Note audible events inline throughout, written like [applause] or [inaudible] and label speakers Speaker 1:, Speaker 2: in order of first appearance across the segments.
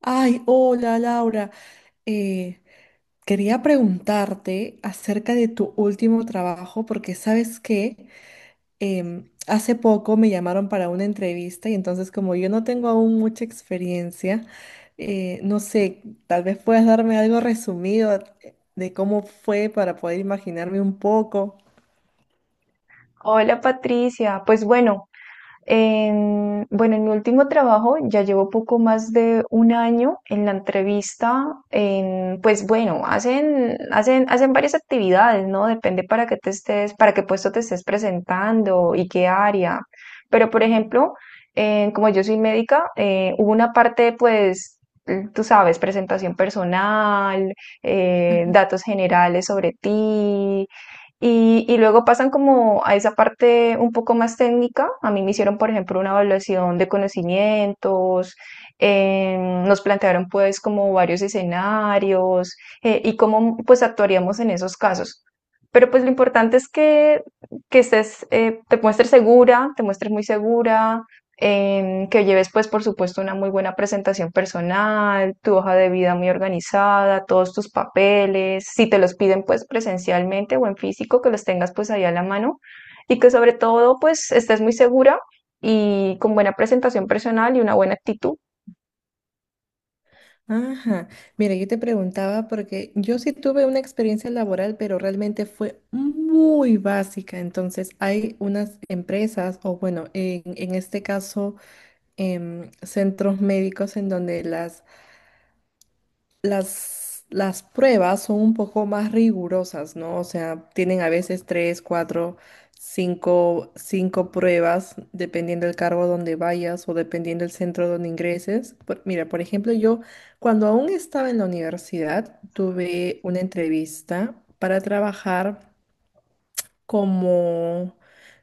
Speaker 1: Ay, hola Laura. Eh, Quería preguntarte acerca de tu último trabajo porque sabes que hace poco me llamaron para una entrevista y entonces como yo no tengo aún mucha experiencia, no sé, tal vez puedas darme algo resumido de cómo fue para poder imaginarme un poco.
Speaker 2: Hola Patricia, pues bueno, en mi último trabajo ya llevo poco más de un año en la entrevista, pues bueno, hacen varias actividades, ¿no? Depende para qué puesto te estés presentando y qué área. Pero por ejemplo, como yo soy médica, hubo una parte, pues, tú sabes, presentación personal, datos generales sobre ti y luego pasan como a esa parte un poco más técnica. A mí me hicieron, por ejemplo, una evaluación de conocimientos. Nos plantearon pues como varios escenarios y cómo pues actuaríamos en esos casos. Pero pues lo importante es que estés, te muestres segura, te muestres muy segura, que lleves pues por supuesto una muy buena presentación personal, tu hoja de vida muy organizada, todos tus papeles, si te los piden pues presencialmente o en físico, que los tengas pues ahí a la mano y que sobre todo pues estés muy segura y con buena presentación personal y una buena actitud.
Speaker 1: Ajá, mira, yo te preguntaba porque yo sí tuve una experiencia laboral, pero realmente fue muy básica. Entonces, hay unas empresas, o bueno, en este caso, centros médicos en donde las pruebas son un poco más rigurosas, ¿no? O sea, tienen a veces tres, cuatro, cinco pruebas, dependiendo del cargo donde vayas o dependiendo del centro donde ingreses. Mira, por ejemplo, yo cuando aún estaba en la universidad, tuve una entrevista para trabajar como,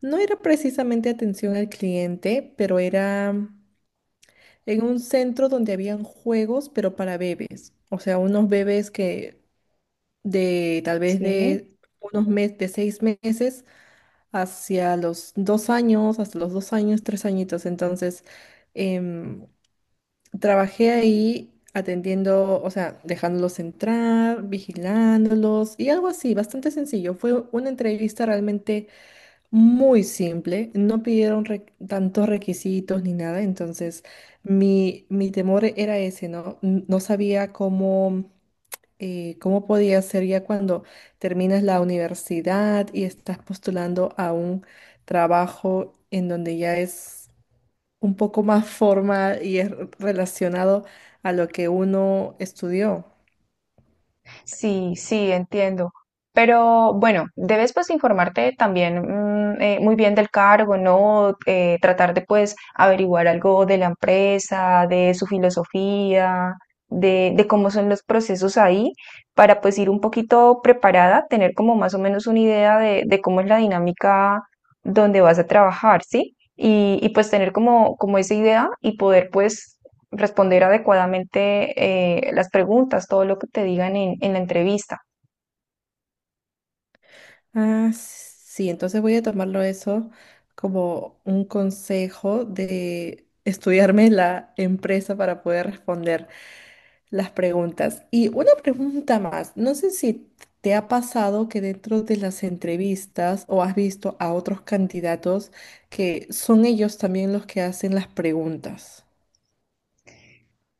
Speaker 1: no era precisamente atención al cliente, pero era en un centro donde habían juegos, pero para bebés. O sea, unos bebés que de tal vez
Speaker 2: Sí.
Speaker 1: de unos meses, de 6 meses hacia los 2 años, hasta los 2 años, 3 añitos. Entonces, em, trabajé ahí atendiendo, o sea, dejándolos entrar, vigilándolos y algo así, bastante sencillo. Fue una entrevista realmente muy simple, no pidieron tantos requisitos ni nada, entonces mi temor era ese, ¿no? No sabía cómo ¿cómo podía ser ya cuando terminas la universidad y estás postulando a un trabajo en donde ya es un poco más formal y es relacionado a lo que uno estudió?
Speaker 2: Sí, sí, entiendo. Pero bueno, debes pues informarte también muy bien del cargo, ¿no? Tratar de pues averiguar algo de la empresa, de su filosofía, de cómo son los procesos ahí, para pues ir un poquito preparada, tener como más o menos una idea de cómo es la dinámica donde vas a trabajar, ¿sí? Y pues tener como, como esa idea y poder pues responder adecuadamente las preguntas, todo lo que te digan en la entrevista.
Speaker 1: Ah, sí, entonces voy a tomarlo eso como un consejo de estudiarme la empresa para poder responder las preguntas. Y una pregunta más, no sé si te ha pasado que dentro de las entrevistas o has visto a otros candidatos que son ellos también los que hacen las preguntas.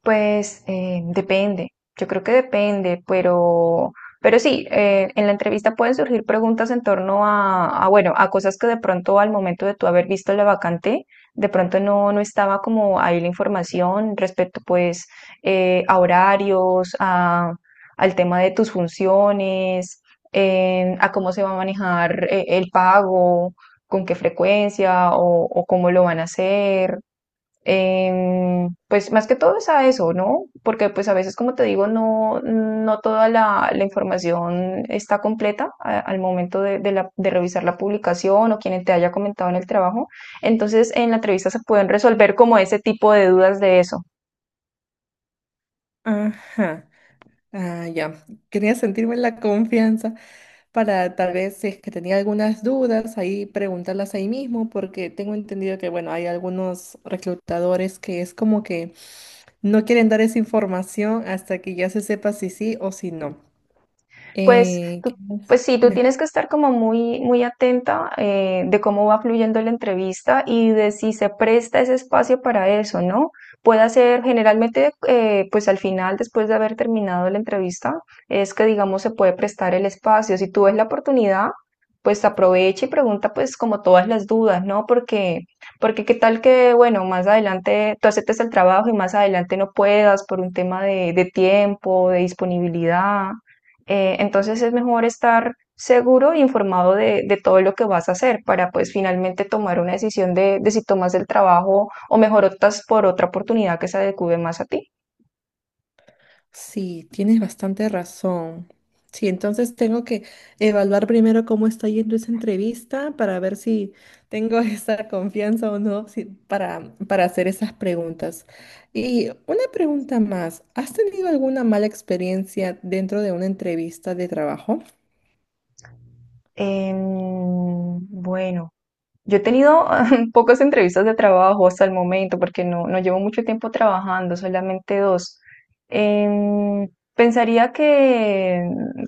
Speaker 2: Pues depende, yo creo que depende, pero sí, en la entrevista pueden surgir preguntas en torno bueno, a cosas que de pronto al momento de tú haber visto la vacante, de pronto no, no estaba como ahí la información respecto pues a horarios, a, al tema de tus funciones, a cómo se va a manejar el pago, con qué frecuencia o cómo lo van a hacer. Pues más que todo es a eso, ¿no? Porque pues a veces, como te digo, no, no toda la información está completa al momento de revisar la publicación o quien te haya comentado en el trabajo. Entonces, en la entrevista se pueden resolver como ese tipo de dudas de eso.
Speaker 1: Ajá. Ah, ya. Quería sentirme en la confianza para tal vez si es que tenía algunas dudas, ahí preguntarlas ahí mismo, porque tengo entendido que, bueno, hay algunos reclutadores que es como que no quieren dar esa información hasta que ya se sepa si sí o si no.
Speaker 2: Pues,
Speaker 1: ¿Qué
Speaker 2: tú,
Speaker 1: más?
Speaker 2: pues sí, tú
Speaker 1: Dime.
Speaker 2: tienes que estar como muy, muy atenta de cómo va fluyendo la entrevista y de si se presta ese espacio para eso, ¿no? Puede ser generalmente, pues al final, después de haber terminado la entrevista, es que digamos se puede prestar el espacio. Si tú ves la oportunidad, pues aprovecha y pregunta pues como todas las dudas, ¿no? Porque, porque qué tal que, bueno, más adelante tú aceptes el trabajo y más adelante no puedas por un tema de tiempo, de disponibilidad. Entonces es mejor estar seguro e informado de todo lo que vas a hacer para pues finalmente tomar una decisión de si tomas el trabajo o mejor optas por otra oportunidad que se adecue más a ti.
Speaker 1: Sí, tienes bastante razón. Sí, entonces tengo que evaluar primero cómo está yendo esa entrevista para ver si tengo [laughs] esa confianza o no para hacer esas preguntas. Y una pregunta más, ¿has tenido alguna mala experiencia dentro de una entrevista de trabajo?
Speaker 2: Em, bueno. Yo he tenido [laughs] pocas entrevistas de trabajo hasta el momento porque no, no llevo mucho tiempo trabajando, solamente dos. Em, Pensaría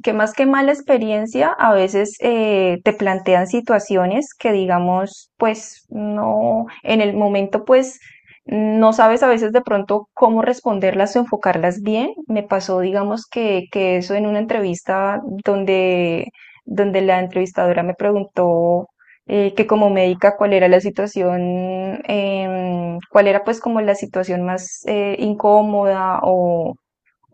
Speaker 2: que más que mala experiencia, a veces te plantean situaciones que digamos, pues no, en el momento pues no sabes a veces de pronto cómo responderlas o enfocarlas bien. Me pasó digamos que eso en una entrevista donde la entrevistadora me preguntó que como médica cuál era la situación, cuál era pues como la situación más incómoda o,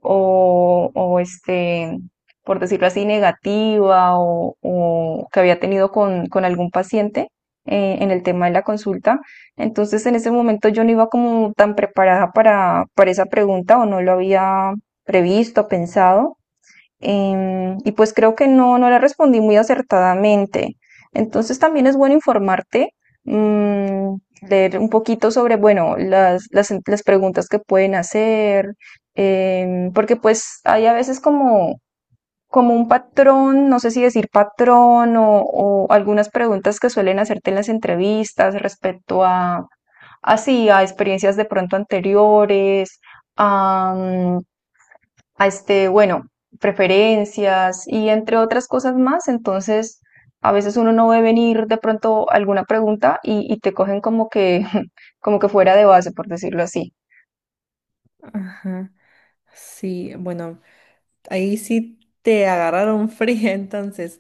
Speaker 2: o, o, este, por decirlo así, negativa o que había tenido con algún paciente en el tema de la consulta. Entonces en ese momento yo no iba como tan preparada para esa pregunta o no lo había previsto, pensado. Y pues creo que no, no le respondí muy acertadamente. Entonces también es bueno informarte, mm, leer un poquito sobre, bueno, las preguntas que pueden hacer, porque pues hay a veces como, como un patrón, no sé si decir patrón o algunas preguntas que suelen hacerte en las entrevistas respecto a, así, a experiencias de pronto anteriores. A, bueno, preferencias y entre otras cosas más. Entonces, a veces uno no ve venir de pronto alguna pregunta y te cogen como que, [laughs] como que fuera de base, por decirlo así.
Speaker 1: Ajá. Sí, bueno, ahí sí te agarraron [laughs] fría entonces.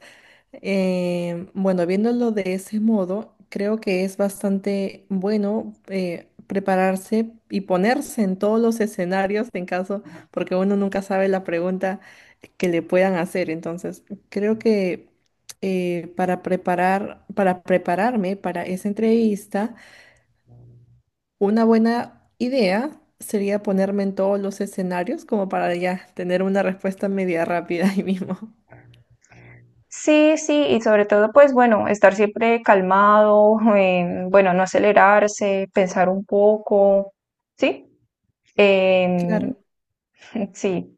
Speaker 1: Bueno, viéndolo de ese modo, creo que es bastante bueno prepararse y ponerse en todos los escenarios en caso, porque uno nunca sabe la pregunta que le puedan hacer. Entonces, creo que para prepararme para esa entrevista, una buena idea sería ponerme en todos los escenarios como para ya tener una respuesta media rápida ahí mismo. [laughs]
Speaker 2: Sí, sí, y sobre todo, pues bueno, estar siempre calmado, [laughs] bueno, no acelerarse, pensar un poco, ¿sí? Em,
Speaker 1: Claro.
Speaker 2: [laughs] sí.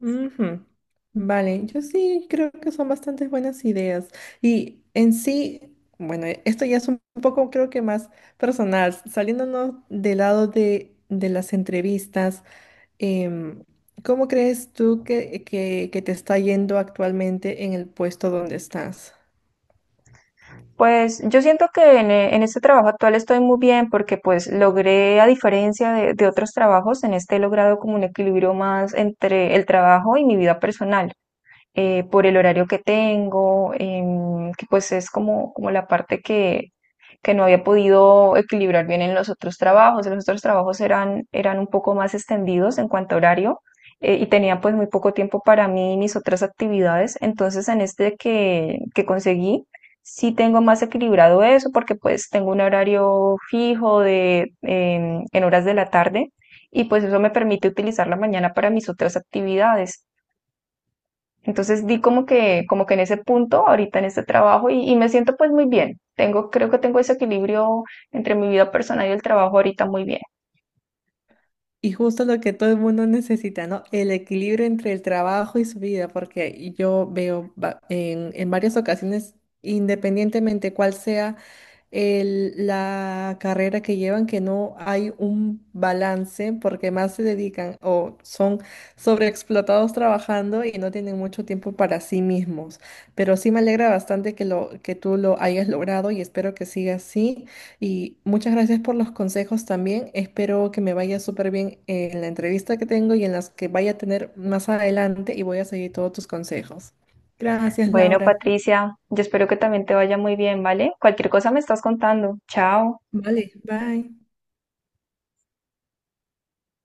Speaker 1: Ujú. Vale, yo sí creo que son bastantes buenas ideas. Y en sí, bueno, esto ya es un poco creo que más personal, saliéndonos del lado de las entrevistas, em, ¿cómo crees tú que te está yendo actualmente en el puesto donde estás?
Speaker 2: Pues yo siento en este trabajo actual estoy muy bien porque pues logré, a diferencia de otros trabajos, en este he logrado como un equilibrio más entre el trabajo y mi vida personal por el horario que tengo, que pues es como, como la parte que no había podido equilibrar bien en los otros trabajos. Los otros trabajos eran un poco más extendidos en cuanto a horario y tenía pues muy poco tiempo para mí y mis otras actividades. Entonces en este que conseguí, sí tengo más equilibrado eso porque pues tengo un horario fijo de, en horas de la tarde y pues eso me permite utilizar la mañana para mis otras actividades. Entonces di como que en ese punto, ahorita en este trabajo, y me siento pues muy bien. Tengo, creo que tengo ese equilibrio entre mi vida personal y el trabajo ahorita muy bien.
Speaker 1: Y justo lo que todo el mundo [laughs] necesita, ¿no? El equilibrio entre el trabajo y su vida, porque yo veo en varias ocasiones, independientemente cuál sea la carrera que llevan, que no hay un balance porque más se dedican o son sobreexplotados trabajando y no tienen mucho tiempo para sí mismos. Pero sí me alegra bastante que lo que tú lo hayas logrado y espero que siga así. Y muchas gracias por los consejos también. Espero que me vaya súper bien en la entrevista que tengo y en las que vaya a tener más adelante y voy a seguir todos tus consejos. Gracias,
Speaker 2: Bueno,
Speaker 1: Laura.
Speaker 2: Patricia, yo espero que también te vaya muy bien, ¿vale? Cualquier cosa me estás contando. Chao.
Speaker 1: Vale, bye.